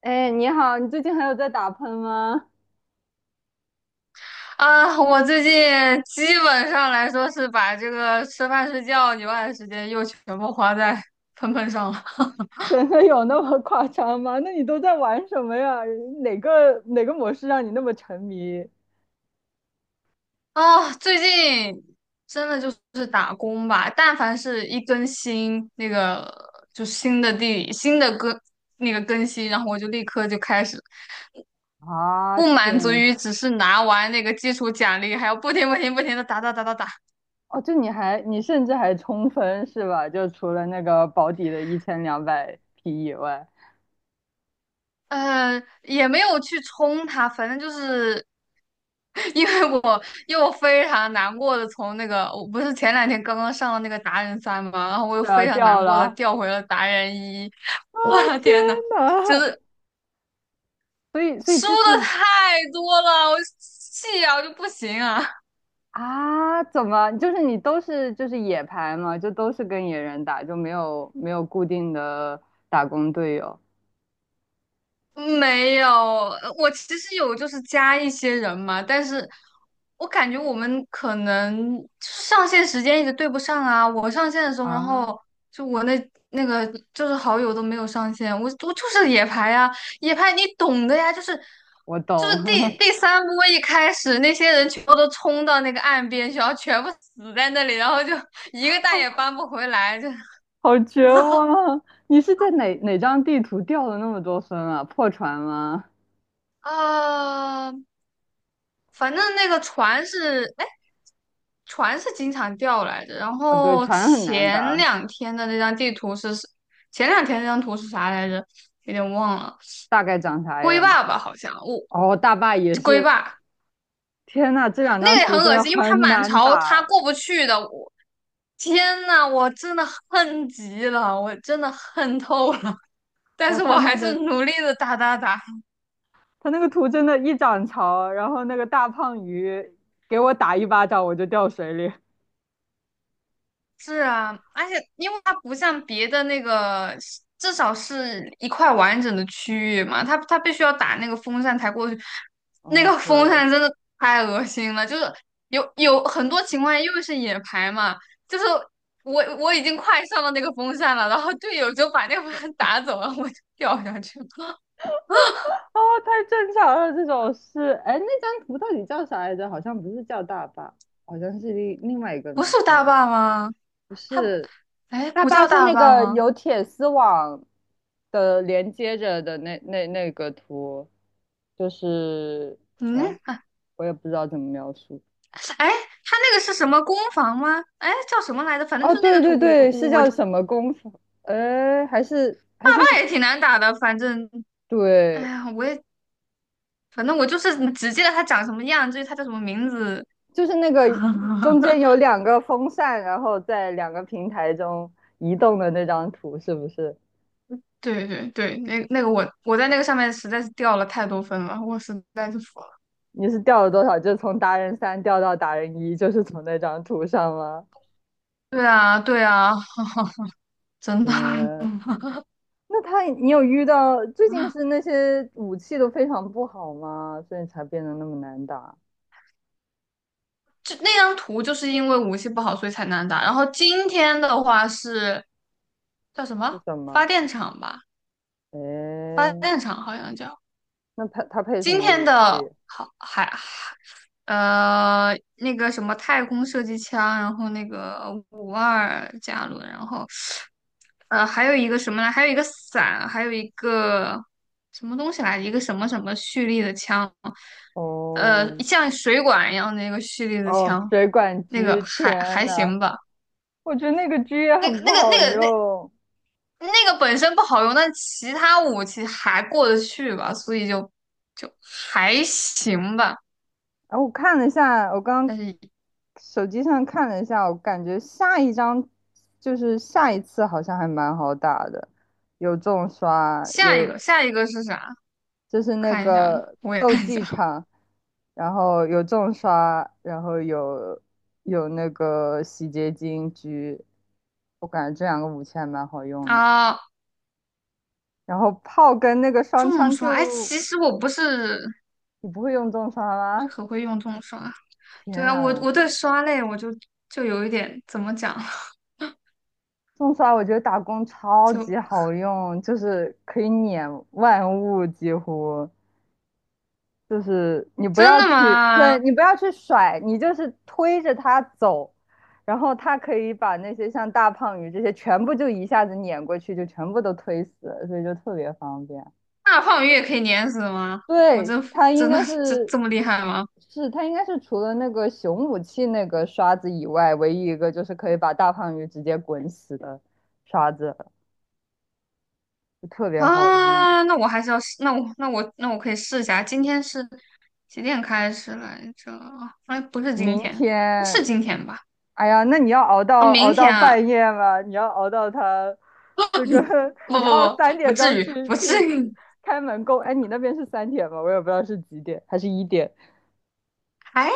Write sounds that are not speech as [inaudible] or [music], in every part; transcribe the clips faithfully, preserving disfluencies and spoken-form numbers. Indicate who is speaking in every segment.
Speaker 1: 哎，你好，你最近还有在打喷吗？
Speaker 2: 啊，我最近基本上来说是把这个吃饭睡觉以外的时间又全部花在喷喷上了。
Speaker 1: [laughs] 真的有那么夸张吗？那你都在玩什么呀？哪个哪个模式让你那么沉迷？
Speaker 2: 啊，最近真的就是打工吧，但凡是一更新那个就新的地新的更那个更新，然后我就立刻就开始，
Speaker 1: 啊，
Speaker 2: 不满足
Speaker 1: 天！
Speaker 2: 于只是拿完那个基础奖励，还要不停不停不停的打打打打打。
Speaker 1: 哦，就你还你甚至还冲分是吧？就除了那个保底的一千两百匹以外，
Speaker 2: 呃，也没有去冲它，反正就是 [laughs] 因为我又非常难过的从那个我不是前两天刚刚上了那个达人三嘛，然后我又
Speaker 1: 是啊，
Speaker 2: 非常
Speaker 1: 掉
Speaker 2: 难过的
Speaker 1: 了。
Speaker 2: 调回了达人一，
Speaker 1: 啊，
Speaker 2: 我的
Speaker 1: 天
Speaker 2: 天呐，就
Speaker 1: 呐！
Speaker 2: 是
Speaker 1: 所以所以
Speaker 2: 输
Speaker 1: 之
Speaker 2: 的
Speaker 1: 前
Speaker 2: 太多了，我气啊，我就不行啊。
Speaker 1: 啊，怎么就是你都是就是野排嘛，就都是跟野人打，就没有没有固定的打工队友
Speaker 2: 没有，呃我其实有就是加一些人嘛，但是我感觉我们可能上线时间一直对不上啊。我上线的时候，然
Speaker 1: 啊？
Speaker 2: 后就我那那个就是好友都没有上线，我我就是野排呀、野排你懂的呀，就是
Speaker 1: 我
Speaker 2: 就
Speaker 1: 懂，
Speaker 2: 是第第三波一开始，那些人全部都冲到那个岸边去，然后全部死在那里，然后就 [laughs] 一个蛋也
Speaker 1: [laughs]
Speaker 2: 搬不回来，就
Speaker 1: 好绝
Speaker 2: [laughs]
Speaker 1: 望啊！你是在哪哪张地图掉了那么多分啊？破船吗？
Speaker 2: 啊。反正那个船是，哎，船是经常掉来着。然
Speaker 1: 啊，对，
Speaker 2: 后
Speaker 1: 船很难
Speaker 2: 前
Speaker 1: 打，
Speaker 2: 两天的那张地图是，前两天那张图是啥来着？有点忘了，
Speaker 1: 大概长啥
Speaker 2: 龟
Speaker 1: 样？
Speaker 2: 爸爸好像，我、
Speaker 1: 哦，大坝也
Speaker 2: 这龟
Speaker 1: 是。
Speaker 2: 爸
Speaker 1: 天呐，这两
Speaker 2: 那
Speaker 1: 张
Speaker 2: 个也
Speaker 1: 图
Speaker 2: 很
Speaker 1: 真
Speaker 2: 恶
Speaker 1: 的
Speaker 2: 心，因为他
Speaker 1: 很
Speaker 2: 满
Speaker 1: 难
Speaker 2: 潮，他
Speaker 1: 打。
Speaker 2: 过不去的。我天呐，我真的恨极了，我真的恨透了，[laughs] 但
Speaker 1: 哇，
Speaker 2: 是
Speaker 1: 他
Speaker 2: 我
Speaker 1: 那
Speaker 2: 还是
Speaker 1: 个
Speaker 2: 努力的打打打。
Speaker 1: 他那个图真的，一涨潮，然后那个大胖鱼给我打一巴掌，我就掉水里。
Speaker 2: 是啊，而且因为它不像别的那个，至少是一块完整的区域嘛，它它必须要打那个风扇才过去，那
Speaker 1: 哦，
Speaker 2: 个
Speaker 1: 对，
Speaker 2: 风
Speaker 1: 哦，
Speaker 2: 扇真的太恶心了，就是有有很多情况下，因为是野排嘛，就是我我已经快上到那个风扇了，然后队友就把那个风扇打走了，我就掉下去了，
Speaker 1: 太正常了，这种事。哎，那张图到底叫啥来着？好像不是叫大坝，好像是另另外一个
Speaker 2: [laughs] 不
Speaker 1: 名
Speaker 2: 是大
Speaker 1: 字。
Speaker 2: 坝吗？
Speaker 1: 不
Speaker 2: 它不，
Speaker 1: 是，
Speaker 2: 哎，
Speaker 1: 大
Speaker 2: 不
Speaker 1: 巴
Speaker 2: 叫
Speaker 1: 是
Speaker 2: 大
Speaker 1: 那
Speaker 2: 坝
Speaker 1: 个
Speaker 2: 吗？
Speaker 1: 有铁丝网的连接着的那那那个图，就是啊，
Speaker 2: 嗯。
Speaker 1: 我也不知道怎么描述。
Speaker 2: 哎，他那个是什么攻防吗？哎，叫什么来着？反正
Speaker 1: 哦，
Speaker 2: 就是那个
Speaker 1: 对
Speaker 2: 图，
Speaker 1: 对
Speaker 2: 我
Speaker 1: 对，是
Speaker 2: 我
Speaker 1: 叫什么功夫？哎，还是
Speaker 2: 爸
Speaker 1: 还是
Speaker 2: 爸
Speaker 1: 那
Speaker 2: 也挺难打的。反正，哎
Speaker 1: 对，
Speaker 2: 呀，我也反正我就是只记得他长什么样，至于他叫什么名字，
Speaker 1: 就是那个中间
Speaker 2: [laughs]
Speaker 1: 有两个风扇，然后在两个平台中移动的那张图，是不是？
Speaker 2: 对对对，那那个我我在那个上面实在是掉了太多分了，我实在是服了。
Speaker 1: 你是掉了多少？就从达人三掉到达人一，就是从那张图上吗？
Speaker 2: 对啊对啊，真的，
Speaker 1: 天，
Speaker 2: [laughs]
Speaker 1: 那他，你有遇到最近是那些武器都非常不好吗？所以才变得那么难打？
Speaker 2: 就那张图就是因为武器不好所以才难打。然后今天的话是叫什
Speaker 1: 是
Speaker 2: 么
Speaker 1: 什
Speaker 2: 发
Speaker 1: 么？
Speaker 2: 电厂吧，发
Speaker 1: 诶，
Speaker 2: 电厂好像叫。
Speaker 1: 那他他配什
Speaker 2: 今
Speaker 1: 么
Speaker 2: 天
Speaker 1: 武
Speaker 2: 的
Speaker 1: 器？
Speaker 2: 好还呃那个什么太空射击枪，然后那个五二加仑，然后呃还有一个什么呢？还有一个伞，还有一个什么东西来着，一个什么什么蓄力的枪，呃
Speaker 1: 哦
Speaker 2: 像水管一样的那个蓄力的
Speaker 1: 哦，
Speaker 2: 枪，
Speaker 1: 水管
Speaker 2: 那个
Speaker 1: 狙，
Speaker 2: 还
Speaker 1: 天
Speaker 2: 还
Speaker 1: 呐，
Speaker 2: 行吧，
Speaker 1: 我觉得那个狙也
Speaker 2: 那个
Speaker 1: 很不
Speaker 2: 那个
Speaker 1: 好
Speaker 2: 那个那
Speaker 1: 用。
Speaker 2: 那个本身不好用，但其他武器还过得去吧，所以就就还行吧。
Speaker 1: 然后我看了一下，我刚
Speaker 2: 但是
Speaker 1: 手机上看了一下，我感觉下一张就是下一次好像还蛮好打的，有重刷，
Speaker 2: 下一
Speaker 1: 有
Speaker 2: 个，下一个是啥？
Speaker 1: 就是那
Speaker 2: 看一下呢，
Speaker 1: 个
Speaker 2: 我也
Speaker 1: 斗
Speaker 2: 看一下
Speaker 1: 技场，然后有重刷，然后有有那个洗洁精狙，我感觉这两个武器还蛮好用的。
Speaker 2: 啊。
Speaker 1: 然后炮跟那个双
Speaker 2: 重
Speaker 1: 枪
Speaker 2: 刷，哎，
Speaker 1: 就
Speaker 2: 其实我不是
Speaker 1: 你不会用重刷
Speaker 2: 不是
Speaker 1: 吗？
Speaker 2: 很会用重刷。对
Speaker 1: 天
Speaker 2: 啊，我
Speaker 1: 呐，
Speaker 2: 我对刷类我就就有一点怎么讲，
Speaker 1: 重刷我觉得打工
Speaker 2: [laughs]
Speaker 1: 超
Speaker 2: 就
Speaker 1: 级好用，就是可以碾万物几乎。就是你不
Speaker 2: 真
Speaker 1: 要
Speaker 2: 的
Speaker 1: 去，
Speaker 2: 吗？
Speaker 1: 对，你不要去甩，你就是推着它走，然后它可以把那些像大胖鱼这些全部就一下子碾过去，就全部都推死了，所以就特别方便。
Speaker 2: 大胖鱼也可以碾死吗？我
Speaker 1: 对，
Speaker 2: 真服
Speaker 1: 它应
Speaker 2: 真的
Speaker 1: 该
Speaker 2: 这
Speaker 1: 是，
Speaker 2: 这么厉害吗？
Speaker 1: 是它应该是除了那个熊武器那个刷子以外，唯一一个就是可以把大胖鱼直接滚死的刷子，就特别好用。
Speaker 2: 啊，那我还是要试，那我那我那我可以试一下。今天是几点开始来着？哎，不是今
Speaker 1: 明
Speaker 2: 天，不是
Speaker 1: 天
Speaker 2: 今天吧？
Speaker 1: 哎呀，那你要熬
Speaker 2: 啊，
Speaker 1: 到
Speaker 2: 明
Speaker 1: 熬到
Speaker 2: 天啊。
Speaker 1: 半夜吗？你要熬到他这个，[laughs]
Speaker 2: 不
Speaker 1: 你
Speaker 2: 不
Speaker 1: 要
Speaker 2: 不，
Speaker 1: 三
Speaker 2: 不
Speaker 1: 点钟
Speaker 2: 至于，
Speaker 1: 去
Speaker 2: 不至
Speaker 1: 去
Speaker 2: 于。
Speaker 1: 去
Speaker 2: [laughs]
Speaker 1: 开门工。哎，你那边是三点吗？我也不知道是几点，还是一点
Speaker 2: 哎，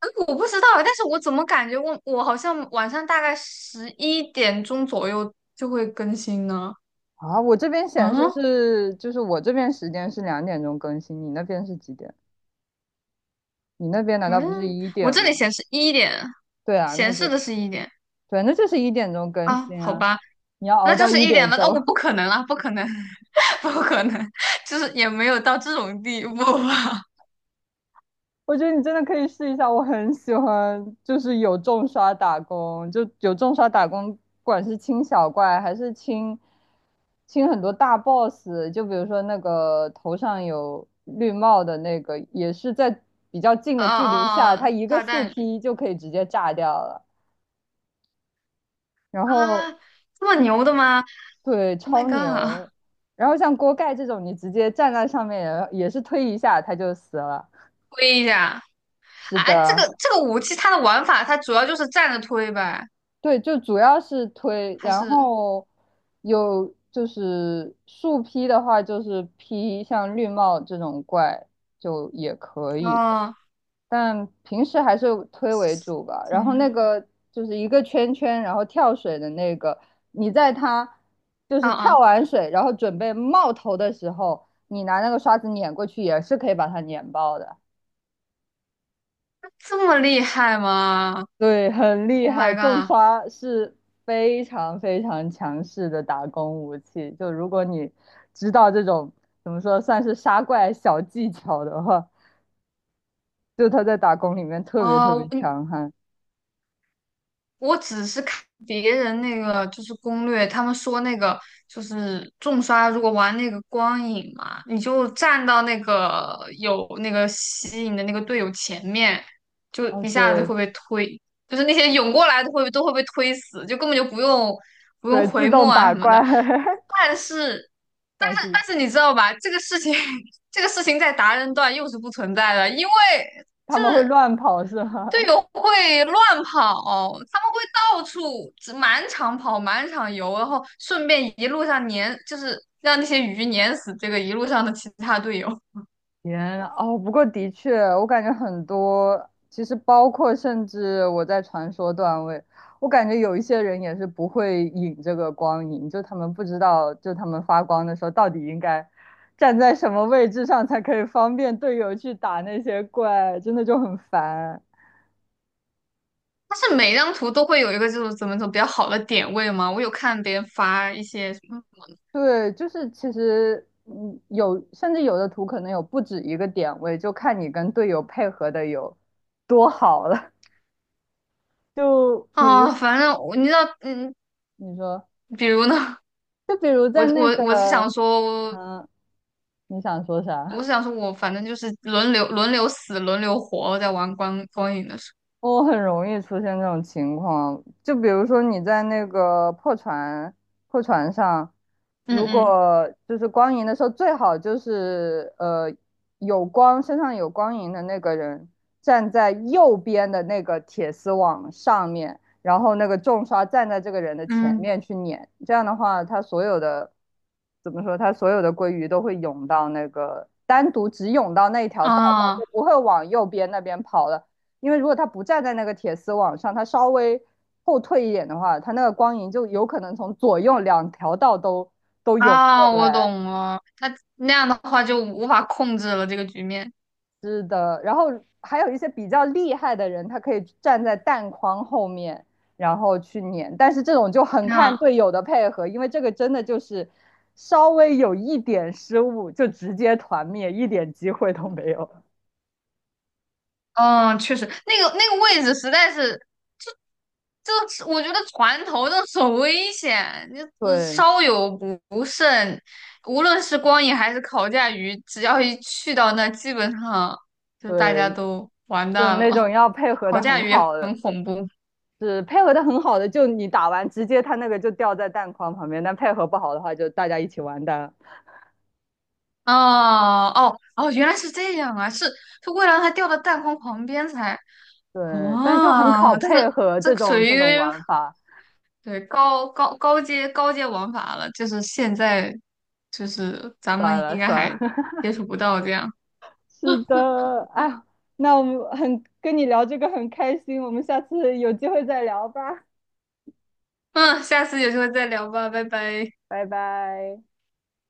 Speaker 2: 嗯我不知道，但是我怎么感觉我我好像晚上大概十一点钟左右就会更新呢？
Speaker 1: 啊？我这边显示
Speaker 2: 嗯
Speaker 1: 是，就是我这边时间是两点钟更新，你那边是几点？你那边难道不是
Speaker 2: 嗯，
Speaker 1: 一
Speaker 2: 我
Speaker 1: 点
Speaker 2: 这里
Speaker 1: 吗？
Speaker 2: 显示一点，
Speaker 1: 对啊，那
Speaker 2: 显
Speaker 1: 就
Speaker 2: 示的是一点
Speaker 1: 对，那就是一点钟更
Speaker 2: 啊，
Speaker 1: 新
Speaker 2: 好
Speaker 1: 啊。
Speaker 2: 吧，
Speaker 1: 你要熬
Speaker 2: 那就
Speaker 1: 到
Speaker 2: 是
Speaker 1: 一
Speaker 2: 一点
Speaker 1: 点
Speaker 2: 了。
Speaker 1: 钟。
Speaker 2: 哦，我不可能啊，不可能，[laughs] 不可能，就是也没有到这种地步吧。
Speaker 1: 我觉得你真的可以试一下，我很喜欢，就是有重刷打工，就有重刷打工，不管是清小怪还是清清很多大 boss，就比如说那个头上有绿帽的那个，也是在比较近
Speaker 2: 啊
Speaker 1: 的距离下，
Speaker 2: 啊 [laughs]，
Speaker 1: 他
Speaker 2: 哦
Speaker 1: 一个
Speaker 2: 炸
Speaker 1: 树
Speaker 2: 弹鱼
Speaker 1: 劈就可以直接炸掉了。然后
Speaker 2: 啊，这么牛的吗
Speaker 1: 对，
Speaker 2: ？Oh my
Speaker 1: 超
Speaker 2: god！
Speaker 1: 牛。然后像锅盖这种，你直接站在上面也也是推一下他就死了。
Speaker 2: 推一下。
Speaker 1: 是
Speaker 2: 哎，这
Speaker 1: 的。
Speaker 2: 个这个武器它的玩法，它主要就是站着推呗，
Speaker 1: 对，就主要是推，
Speaker 2: 还
Speaker 1: 然
Speaker 2: 是
Speaker 1: 后有就是树劈的话，就是劈像绿帽这种怪就也可以，
Speaker 2: 哦，
Speaker 1: 但平时还是推为主吧。然后那
Speaker 2: 嗯
Speaker 1: 个就是一个圈圈，然后跳水的那个，你在它就是
Speaker 2: 嗯
Speaker 1: 跳
Speaker 2: 嗯，
Speaker 1: 完水，然后准备冒头的时候，你拿那个刷子碾过去，也是可以把它碾爆的。
Speaker 2: 这么厉害吗
Speaker 1: 对，很厉
Speaker 2: ？Oh
Speaker 1: 害，
Speaker 2: my
Speaker 1: 重
Speaker 2: god！
Speaker 1: 刷是非常非常强势的打工武器。就如果你知道这种怎么说，算是杀怪小技巧的话，就他在打工里面特别特别
Speaker 2: 哦，你
Speaker 1: 强悍。
Speaker 2: 我只是看别人那个就是攻略，他们说那个就是重刷，如果玩那个光影嘛，你就站到那个有那个吸引的那个队友前面，就
Speaker 1: 哦，
Speaker 2: 一下子
Speaker 1: 对
Speaker 2: 会被推，就是那些涌过来的会都会被推死，就根本就不用不用
Speaker 1: 对，自
Speaker 2: 回墨
Speaker 1: 动
Speaker 2: 啊什
Speaker 1: 打
Speaker 2: 么
Speaker 1: 怪，
Speaker 2: 的。
Speaker 1: [laughs]
Speaker 2: 但是，但
Speaker 1: 但
Speaker 2: 是，
Speaker 1: 是
Speaker 2: 但是你知道吧？这个事情，[laughs] 这个事情在达人段又是不存在的，因为
Speaker 1: 他
Speaker 2: 就
Speaker 1: 们会
Speaker 2: 是
Speaker 1: 乱跑是
Speaker 2: 队
Speaker 1: 吗？
Speaker 2: 友会乱跑，他们会到处只满场跑、满场游，然后顺便一路上碾，就是让那些鱼碾死这个一路上的其他队友。
Speaker 1: 天啊哦，不过的确，我感觉很多，其实包括甚至我在传说段位，我感觉有一些人也是不会引这个光影，就他们不知道，就他们发光的时候到底应该站在什么位置上才可以方便队友去打那些怪，真的就很烦。
Speaker 2: 但是每张图都会有一个就是怎么走比较好的点位嘛，我有看别人发一些什么
Speaker 1: 对，就是其实嗯，有甚至有的图可能有不止一个点位，就看你跟队友配合的有多好了。[laughs] 就比如
Speaker 2: 啊，反正我你知道，嗯，
Speaker 1: 你说。
Speaker 2: 比如呢，
Speaker 1: 就比如
Speaker 2: 我
Speaker 1: 在
Speaker 2: 我
Speaker 1: 那
Speaker 2: 我是
Speaker 1: 个，
Speaker 2: 想说，
Speaker 1: 嗯、你想说
Speaker 2: 我
Speaker 1: 啥？
Speaker 2: 是想说我反正就是轮流轮流死、轮流活，在玩光光影的时
Speaker 1: 我很容易出现这种情况，就比如说你在那个破船破船上，
Speaker 2: 候，
Speaker 1: 如
Speaker 2: 嗯
Speaker 1: 果就是光影的时候，最好就是呃有光身上有光影的那个人站在右边的那个铁丝网上面，然后那个重刷站在这个人的前
Speaker 2: 嗯，
Speaker 1: 面去撵，这样的话，他所有的怎么说，他所有的鲑鱼都会涌到那个单独只涌到那一条
Speaker 2: 嗯
Speaker 1: 道上，就
Speaker 2: 啊。
Speaker 1: 不会往右边那边跑了。因为如果他不站在那个铁丝网上，他稍微后退一点的话，他那个光影就有可能从左右两条道都都涌过
Speaker 2: 啊，我
Speaker 1: 来。
Speaker 2: 懂了。那那样的话就无法控制了这个局面。
Speaker 1: 是的，然后还有一些比较厉害的人，他可以站在弹框后面，然后去撵。但是这种就很看
Speaker 2: 那、
Speaker 1: 队友的配合，因为这个真的就是稍微有一点失误就直接团灭，一点机会都没有。[laughs]
Speaker 2: 嗯，确实，那个那个位置实在是，这这是我觉得船头那很危险，你嗯
Speaker 1: 对
Speaker 2: 稍有不不慎，无论是光影还是烤架鱼，只要一去到那，基本上就大家
Speaker 1: 对，
Speaker 2: 都完
Speaker 1: 就
Speaker 2: 蛋
Speaker 1: 那
Speaker 2: 了。
Speaker 1: 种要配
Speaker 2: [laughs]
Speaker 1: 合
Speaker 2: 烤
Speaker 1: 的
Speaker 2: 架
Speaker 1: 很
Speaker 2: 鱼也
Speaker 1: 好的。
Speaker 2: 很恐怖。
Speaker 1: 是配合的很好的，就你打完直接他那个就掉在弹框旁边，但配合不好的话就大家一起完蛋。
Speaker 2: 哦哦哦，原来是这样啊！是是为了让它掉到弹框旁边才。
Speaker 1: 对，但就很考
Speaker 2: 哦，但
Speaker 1: 配
Speaker 2: 是
Speaker 1: 合
Speaker 2: 这
Speaker 1: 这
Speaker 2: 个属
Speaker 1: 种
Speaker 2: 于
Speaker 1: 这种玩法。
Speaker 2: 对高高高阶高阶玩法了，就是现在就是咱
Speaker 1: 算
Speaker 2: 们
Speaker 1: 了
Speaker 2: 应该
Speaker 1: 算了，
Speaker 2: 还
Speaker 1: [laughs]
Speaker 2: 接触不到这样。
Speaker 1: 是的，哎呀，那我们很跟你聊这个很开心，我们下次有机会再聊吧，
Speaker 2: 嗯，下次有机会再聊吧，拜拜。
Speaker 1: 拜拜。